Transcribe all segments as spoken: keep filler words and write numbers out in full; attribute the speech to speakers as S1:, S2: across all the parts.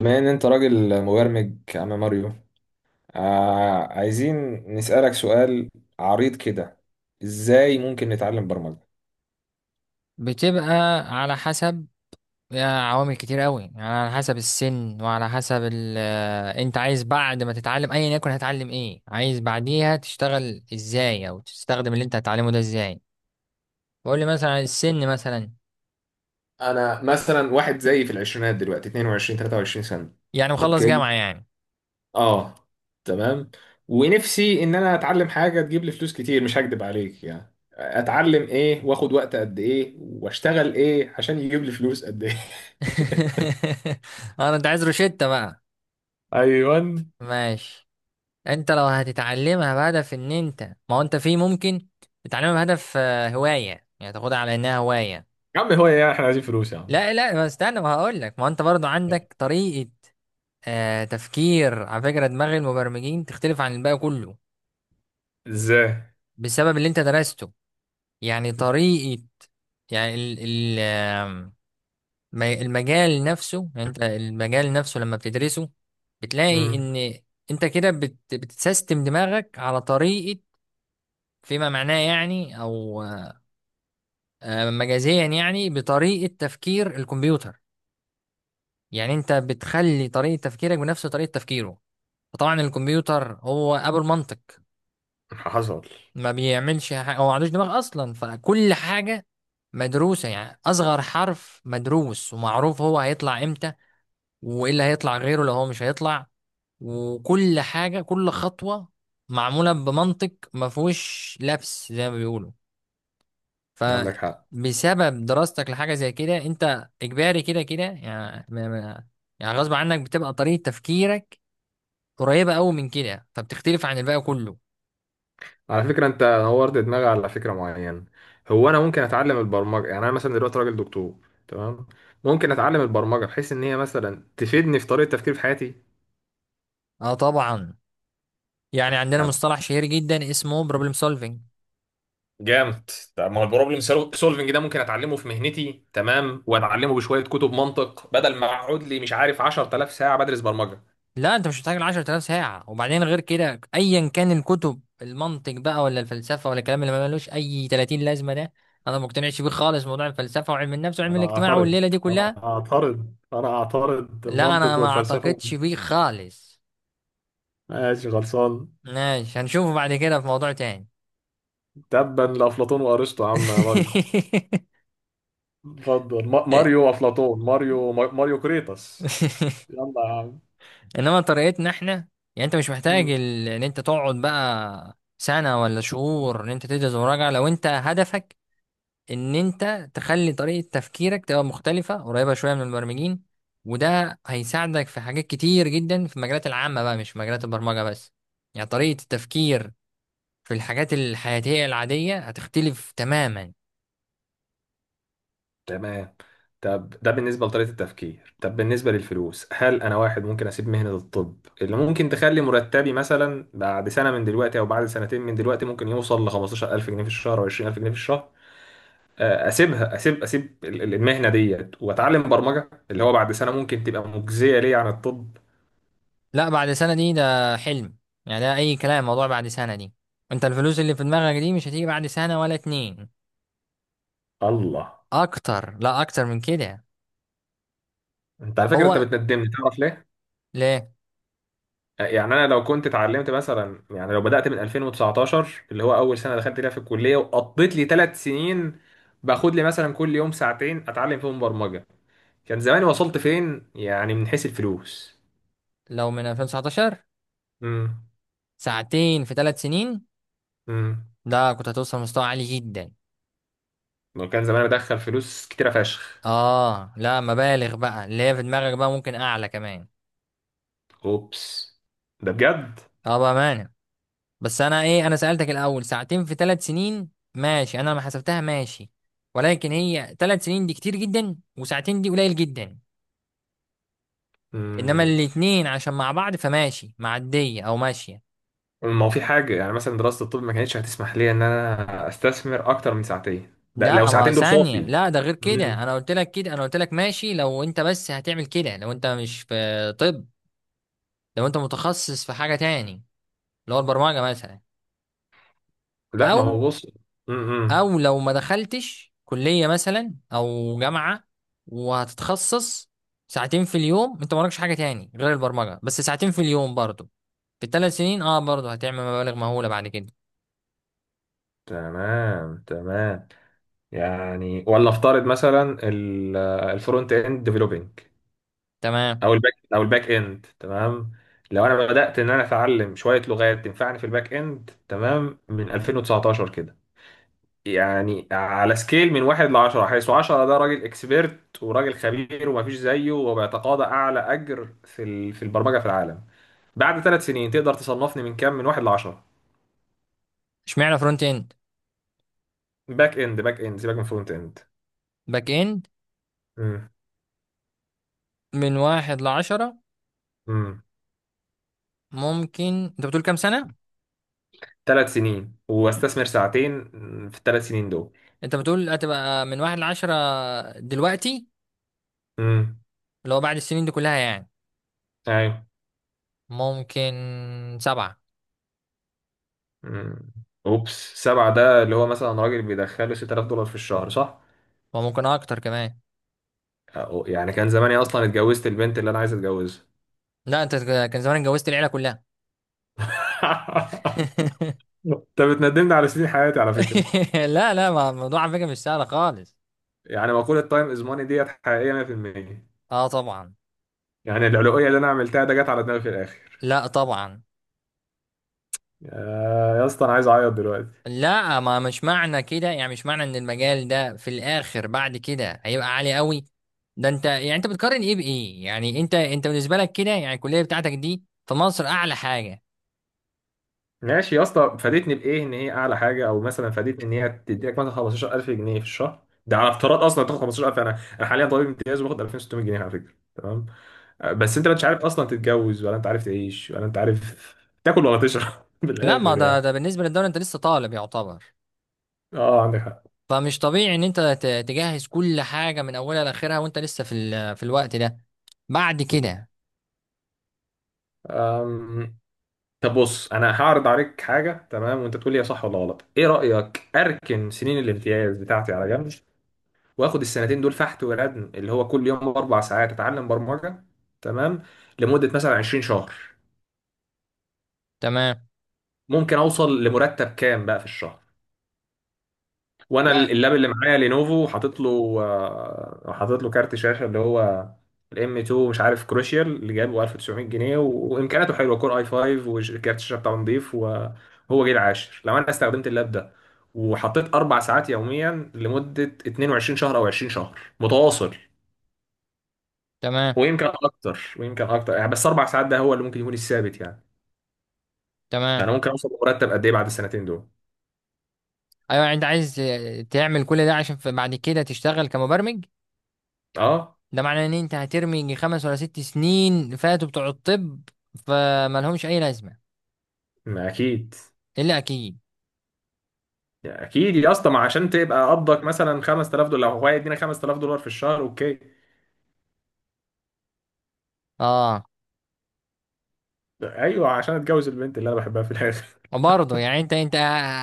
S1: بما ان انت راجل مبرمج يا عم ماريو، آه عايزين نسألك سؤال عريض كده. ازاي ممكن نتعلم برمجة؟
S2: بتبقى على حسب، آه، عوامل كتير قوي يعني، على حسب السن وعلى حسب ال... آه، انت عايز بعد ما تتعلم ايا يكن هتعلم ايه، عايز بعديها تشتغل ازاي او تستخدم اللي انت هتتعلمه ده ازاي. بقول لي مثلا على السن مثلا.
S1: انا مثلا واحد زيي في العشرينات دلوقتي، اثنين وعشرين ثلاثة وعشرين سنة.
S2: يعني مخلص
S1: اوكي.
S2: جامعة يعني.
S1: اه. تمام. ونفسي ان انا اتعلم حاجة تجيب لي فلوس كتير، مش هكدب عليك. يعني اتعلم ايه، واخد وقت قد ايه، واشتغل ايه عشان يجيب لي فلوس قد ايه؟
S2: انا انت عايز روشتة بقى.
S1: ايوه.
S2: ماشي، انت لو هتتعلمها بهدف ان انت، ما هو انت في ممكن تتعلمها بهدف آه، هواية يعني، تاخدها على انها هواية.
S1: يا عم هو ايه يعني، احنا عايزين فلوس يا عم.
S2: لا لا، ما استنى، ما هقول لك. ما هو انت برضو عندك طريقة آه تفكير. على فكرة دماغ المبرمجين تختلف عن الباقي كله
S1: ازاي؟
S2: بسبب اللي انت درسته. يعني طريقة، يعني ال ال آم، م- المجال نفسه، يعني انت المجال نفسه لما بتدرسه بتلاقي
S1: امم.
S2: ان انت كده بت بتسيستم دماغك على طريقة، فيما معناه يعني، او آه، مجازيا يعني، بطريقة تفكير الكمبيوتر. يعني انت بتخلي طريقة تفكيرك بنفس طريقة تفكيره. فطبعا الكمبيوتر هو ابو المنطق،
S1: حصل.
S2: ما بيعملش حاجة، هو ما عندوش دماغ أصلا، فكل حاجة مدروسة. يعني أصغر حرف مدروس ومعروف هو هيطلع إمتى، وإيه اللي هيطلع غيره لو هو مش هيطلع. وكل حاجة، كل خطوة معمولة بمنطق ما فيهوش لبس زي ما بيقولوا.
S1: عندك حق.
S2: فبسبب دراستك لحاجة زي كده، أنت إجباري كده كده يعني ما- ما- يعني غصب عنك بتبقى طريقة تفكيرك قريبة أوي من كده، فبتختلف عن الباقي كله.
S1: على فكرة انت نورت دماغي على فكرة معينة. هو انا ممكن اتعلم البرمجة؟ يعني انا مثلا دلوقتي راجل دكتور، تمام، ممكن اتعلم البرمجة بحيث ان هي مثلا تفيدني في طريقة تفكيري في حياتي.
S2: اه طبعا، يعني عندنا
S1: طب
S2: مصطلح شهير جدا اسمه بروبلم سولفينج.
S1: جامد. طب ما هو البروبلم سولفنج ده ممكن اتعلمه في مهنتي، تمام، واتعلمه بشوية كتب منطق، بدل ما اقعد لي مش عارف عشر تلاف ساعة بدرس برمجة.
S2: لا انت مش محتاج ل عشرة آلاف ساعه، وبعدين غير كده، ايا كان الكتب المنطق بقى ولا الفلسفه ولا الكلام اللي ما ملوش اي تلاتين لازمه ده، انا ما مقتنعش بيه خالص. موضوع الفلسفه وعلم النفس وعلم
S1: انا
S2: الاجتماع
S1: اعترض.
S2: والليله دي كلها
S1: انا اعترض. انا اعترض
S2: لا، انا
S1: المنطق
S2: ما
S1: والفلسفه.
S2: اعتقدش بيه خالص.
S1: ماشي، خلصان.
S2: ماشي، هنشوفه بعد كده في موضوع تاني.
S1: تبا لافلاطون وارسطو يا عم ماريو. اتفضل. ما- ماريو افلاطون، ماريو ما- ماريو كريتاس. يلا يا عم.
S2: انما طريقتنا احنا، يعني انت مش محتاج
S1: مم.
S2: ال- ان انت تقعد بقى سنة ولا شهور ان انت تدرس مراجعة، لو انت هدفك ان انت تخلي طريقة تفكيرك تبقى مختلفة قريبة شوية من المبرمجين. وده هيساعدك في حاجات كتير جدا في المجالات العامة بقى، مش في مجالات البرمجة بس. يعني طريقة التفكير في الحاجات الحياتية العادية هتختلف تماما.
S1: تمام. طب ده بالنسبة لطريقة التفكير. طب بالنسبة للفلوس، هل أنا واحد ممكن أسيب مهنة الطب اللي ممكن تخلي مرتبي مثلا بعد سنة من دلوقتي أو بعد سنتين من دلوقتي ممكن يوصل ل خمسة عشر الف جنيه في الشهر أو عشرين الف جنيه في الشهر؟ آه، أسيبها أسيب أسيب ال- ال- المهنة ديت وأتعلم برمجة، اللي هو بعد سنة ممكن تبقى مجزية ليا عن الطب.
S2: لا، بعد سنة دي ده حلم، يعني ده اي كلام موضوع بعد سنة دي. انت الفلوس اللي في دماغك دي مش هتيجي بعد سنة ولا اتنين.
S1: الله.
S2: اكتر، لا اكتر من كده.
S1: أنت على فكرة أنت
S2: هو
S1: بتندمني، تعرف ليه؟
S2: ليه؟
S1: يعني انا لو كنت اتعلمت مثلا، يعني لو بدأت من الفين وتسعتاشر اللي هو اول سنة دخلت فيها في الكلية، وقضيت لي ثلاث سنين باخد لي مثلا كل يوم ساعتين اتعلم فيهم برمجة، كان زماني وصلت فين يعني من حيث الفلوس؟
S2: لو من ألفين وتسعتاشر،
S1: امم.
S2: ساعتين في تلات سنين،
S1: امم.
S2: ده كنت هتوصل مستوى عالي جدا.
S1: وكان زماني بدخل فلوس كتيرة فشخ.
S2: اه لا، مبالغ بقى اللي هي في دماغك بقى، ممكن اعلى كمان.
S1: اوبس. ده بجد.
S2: اه، بامانه. بس انا ايه، انا سالتك الاول ساعتين في ثلاث سنين، ماشي، انا لما حسبتها ماشي، ولكن هي ثلاث سنين دي كتير جدا، وساعتين دي قليل جدا. انما
S1: امم.
S2: الاتنين عشان مع بعض فماشي، معديه او ماشيه.
S1: ما هو في حاجة، يعني مثلا دراسة الطب ما كانتش هتسمح لي ان انا استثمر اكتر من ساعتين، ده لو
S2: لا ما
S1: ساعتين دول
S2: ثانيه،
S1: صافي.
S2: لا ده غير كده،
S1: امم.
S2: انا قلت لك كده، انا قلت لك ماشي لو انت بس هتعمل كده، لو انت مش في طب، لو انت متخصص في حاجه تاني، اللي هو البرمجه مثلا،
S1: لا ما
S2: او
S1: هو بص.
S2: او لو ما دخلتش كلية مثلا او جامعة وهتتخصص، ساعتين في اليوم، انت مالكش حاجة تاني غير البرمجة، بس ساعتين في اليوم برضو، في الثلاث سنين، اه برضو هتعمل مبالغ مهولة بعد كده.
S1: تمام، تمام. يعني، ولا افترض مثلا ال- الفرونت اند ديفلوبينج،
S2: تمام،
S1: او الباك او الباك اند تمام. لو انا بدات ان انا اتعلم شويه لغات تنفعني في الباك اند، تمام، من الفين وتسعة عشر كده. يعني على سكيل من واحد ل عشرة، حيث عشرة ده راجل اكسبيرت وراجل خبير ومفيش زيه وبيتقاضى اعلى اجر في ال- في البرمجه في العالم، بعد ثلاث سنين تقدر تصنفني من كام، من واحد ل عشرة؟
S2: اشمعنى فرونت اند؟
S1: باك اند، باك اند، سيبك من فرونت
S2: باك اند، من واحد لعشرة؟
S1: اند.
S2: ممكن. انت بتقول كام سنة؟
S1: ثلاث سنين واستثمر ساعتين في الثلاث سنين دول.
S2: انت بتقول هتبقى من واحد لعشرة دلوقتي،
S1: امم.
S2: اللي هو بعد السنين دي كلها يعني؟
S1: ايوه.
S2: ممكن سبعة،
S1: امم. اوبس، سبعة ده اللي هو مثلا راجل بيدخله ست تلاف دولار في الشهر، صح؟
S2: وممكن اكتر كمان.
S1: أو- يعني كان زماني اصلا اتجوزت البنت اللي انا عايز اتجوزها.
S2: لا انت، كان زمان اتجوزت العيلة كلها.
S1: انت بتندمني على سنين حياتي على فكرة.
S2: لا لا، ما الموضوع على فكرة مش سهل خالص.
S1: يعني مقولة تايم از ماني ديت حقيقية مية في المية.
S2: اه طبعا.
S1: يعني العلوية اللي انا عملتها ده جت على دماغي في الاخر.
S2: لا طبعا،
S1: يا يا اسطى، انا عايز اعيط دلوقتي.
S2: لا ما مش معنى كده، يعني مش معنى ان المجال ده في الاخر بعد كده هيبقى عالي قوي. ده انت يعني، انت بتقارن ايه بايه؟ يعني انت انت بالنسبة لك كده، يعني الكلية بتاعتك دي في مصر اعلى حاجة.
S1: ماشي يا اسطى، فادتني بايه ان هي اعلى حاجه، او مثلا فادتني ان هي تديك مثلا خمستاشر الف جنيه في الشهر؟ ده على افتراض اصلا تاخد خمستاشر الف. انا انا حاليا طبيب امتياز وباخد الفين وست مية جنيه على فكره، تمام. آه، بس انت مش عارف اصلا تتجوز، ولا انت عارف تعيش، ولا انت عارف تاكل ولا تشرب
S2: لا ما
S1: بالاخر
S2: ده
S1: يعني.
S2: ده بالنسبة للدولة، انت لسه طالب يعتبر،
S1: اه، عندك حق.
S2: فمش طبيعي ان انت ت- تجهز كل حاجة من اولها لاخرها وانت لسه في ال- في الوقت ده بعد كده.
S1: أم، طب بص، انا هعرض عليك حاجه، تمام، وانت تقول لي هي صح ولا غلط. ايه رايك اركن سنين الامتياز بتاعتي على جنب، واخد السنتين دول فحت وردم اللي هو كل يوم اربع ساعات اتعلم برمجه، تمام، لمده مثلا عشرين شهر،
S2: تمام،
S1: ممكن اوصل لمرتب كام بقى في الشهر؟ وانا ال-
S2: لا
S1: اللاب اللي معايا لينوفو حاطط له آه، حاطط له كارت شاشه اللي هو الام اتنين مش عارف كروشيال اللي جابه الف وتسع مية جنيه و- وامكانياته حلوه، كور اي خمسة، وكارت الشاشه بتاعه نضيف، وهو جيل عاشر. لو انا استخدمت اللاب ده وحطيت اربع ساعات يوميا لمده اتنين وعشرين شهر او عشرين شهر متواصل،
S2: تمام
S1: ويمكن اكتر، ويمكن اكتر يعني، بس اربع ساعات ده هو اللي ممكن يكون الثابت يعني، ده انا
S2: تمام.
S1: ممكن اوصل لمرتب قد ايه بعد السنتين دول؟
S2: ايوه انت عايز تعمل كل ده عشان ف- بعد كده تشتغل كمبرمج؟
S1: اه.
S2: ده معناه ان انت هترمي يجي خمس ولا ست سنين فاتوا بتوع الطب فمالهمش اي لازمه.
S1: ما اكيد.
S2: الا اكيد.
S1: يا اكيد يا اسطى، ما عشان تبقى قبضك مثلا خمس تلاف دولار، لو هو يدينا خمس تلاف دولار في الشهر، اوكي.
S2: اه.
S1: ايوه، عشان اتجوز البنت اللي انا بحبها في الاخر.
S2: برضه يعني انت انت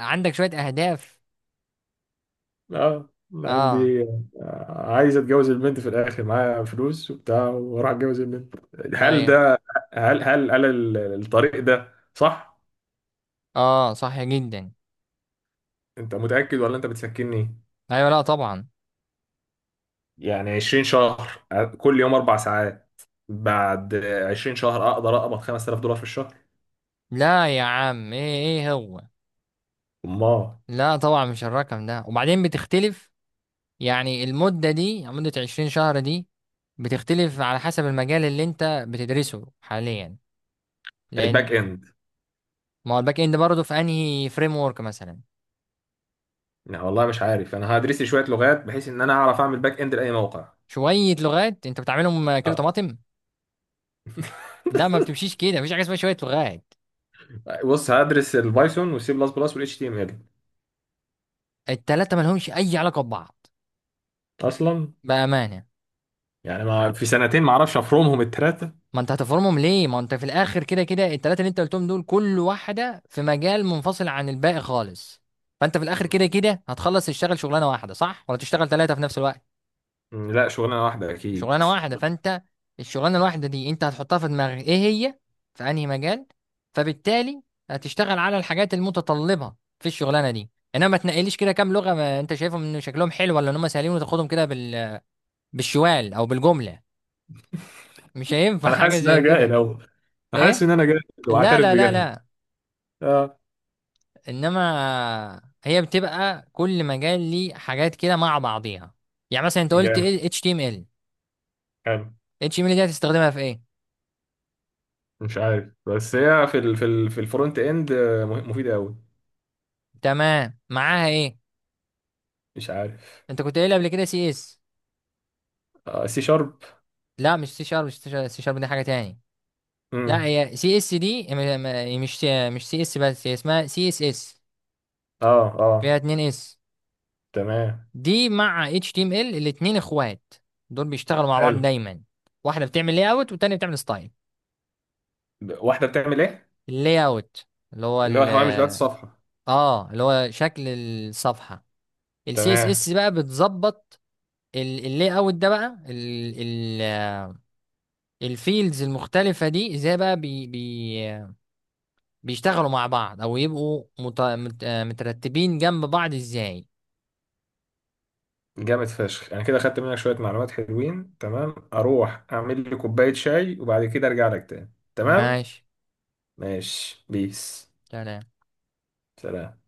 S2: عندك شويه اهداف.
S1: اه، أنا
S2: اه.
S1: عندي. آه، عايز اتجوز البنت في الاخر معايا فلوس وبتاع واروح اتجوز البنت. هل
S2: ايوه.
S1: ده. هل هل هل ال- الطريق ده صح؟
S2: اه صح جدا.
S1: انت متاكد ولا انت بتسكتني؟
S2: ايوه، لا طبعا.
S1: يعني عشرين شهر كل يوم أربع ساعات بعد عشرين شهر أقدر أقبض خمس تلاف دولار في الشهر؟
S2: لا يا عم، ايه ايه هو؟
S1: أمال.
S2: لا طبعا مش الرقم ده، وبعدين بتختلف. يعني المده دي، مده عشرين شهر دي، بتختلف على حسب المجال اللي انت بتدرسه حاليا،
S1: الباك
S2: لان،
S1: إند.
S2: ما هو الباك اند برضه في انهي فريم ورك مثلا؟
S1: يعني والله مش عارف، أنا هدرس لي شوية لغات بحيث إن أنا أعرف أعمل باك إند لأي موقع.
S2: شويه لغات انت بتعملهم كيلو
S1: أه.
S2: طماطم؟ لا ما بتمشيش كده، مفيش حاجه اسمها شويه لغات.
S1: بص هدرس البايثون والسي بلس بلس والاتش تي ام ال.
S2: التلاته مالهمش اي علاقه ببعض
S1: أصلا،
S2: بامانه.
S1: يعني ما في سنتين ما أعرفش أفرمهم التلاتة؟
S2: ما انت هتفرمهم ليه، ما انت في الاخر كده كده التلاته اللي انت قلتهم دول كل واحده في مجال منفصل عن الباقي خالص. فانت في الاخر كده كده هتخلص تشتغل شغلانه واحده، صح ولا تشتغل ثلاثه في نفس الوقت؟
S1: م، لا، شغلانة واحدة أكيد.
S2: شغلانه واحده. فانت الشغلانه الواحده دي انت هتحطها في دماغك ايه هي، في انهي مجال، فبالتالي هتشتغل على الحاجات المتطلبه في الشغلانه دي. انما ما تنقليش كده كام لغه ما انت شايفهم ان شكلهم حلو ولا ان هم سهلين وتاخدهم كده بال... بالشوال او بالجمله. مش هينفع
S1: أنا
S2: حاجه
S1: حاسس إن أنا
S2: زي
S1: جاهل
S2: كده.
S1: أوي، أنا حاسس
S2: ايه؟
S1: إن أنا جاهل
S2: لا
S1: وأعترف
S2: لا لا
S1: بجهلي.
S2: لا.
S1: أه.
S2: انما هي بتبقى كل مجال ليه حاجات كده مع بعضيها. يعني مثلا، انت قلت
S1: جامد.
S2: ايه؟ اتش تي ام ال. اتش تي ام ال دي هتستخدمها في ايه؟
S1: مش عارف، بس هي في ال في ال في الفرونت اند آه، مه- مفيدة قوي.
S2: تمام، معاها ايه؟
S1: مش عارف.
S2: انت كنت قايل قبل كده سي اس.
S1: آه، سي شارب.
S2: لا، مش سي شارب، مش سي شارب دي حاجه تاني. لا
S1: امم.
S2: هي سي اس دي م- م- مش مش سي اس، بس هي اسمها سي اس اس،
S1: اه.
S2: فيها
S1: اه.
S2: اتنين اس.
S1: تمام.
S2: دي مع اتش تي ام ال الاتنين اخوات، دول بيشتغلوا مع بعض
S1: حلو.
S2: دايما. واحده بتعمل لاي اوت والتانيه بتعمل ستايل.
S1: ب- واحدة بتعمل ايه؟
S2: اللاي اوت اللي هو
S1: اللي هو
S2: ال
S1: الهوامش بتاعت الصفحة.
S2: اه اللي هو شكل الصفحه. السي اس
S1: تمام.
S2: اس بقى بتظبط اللاي اوت ده بقى ال ال الفيلدز المختلفه دي ازاي بقى بي بي بيشتغلوا مع بعض او يبقوا مت... مت... آه، مترتبين جنب بعض ازاي.
S1: جامد فشخ. انا كده خدت منك شوية معلومات حلوين، تمام، اروح اعمل لي كوباية شاي وبعد كده ارجع لك تاني، تمام.
S2: ماشي،
S1: ماشي. بيس.
S2: سلام.
S1: سلام.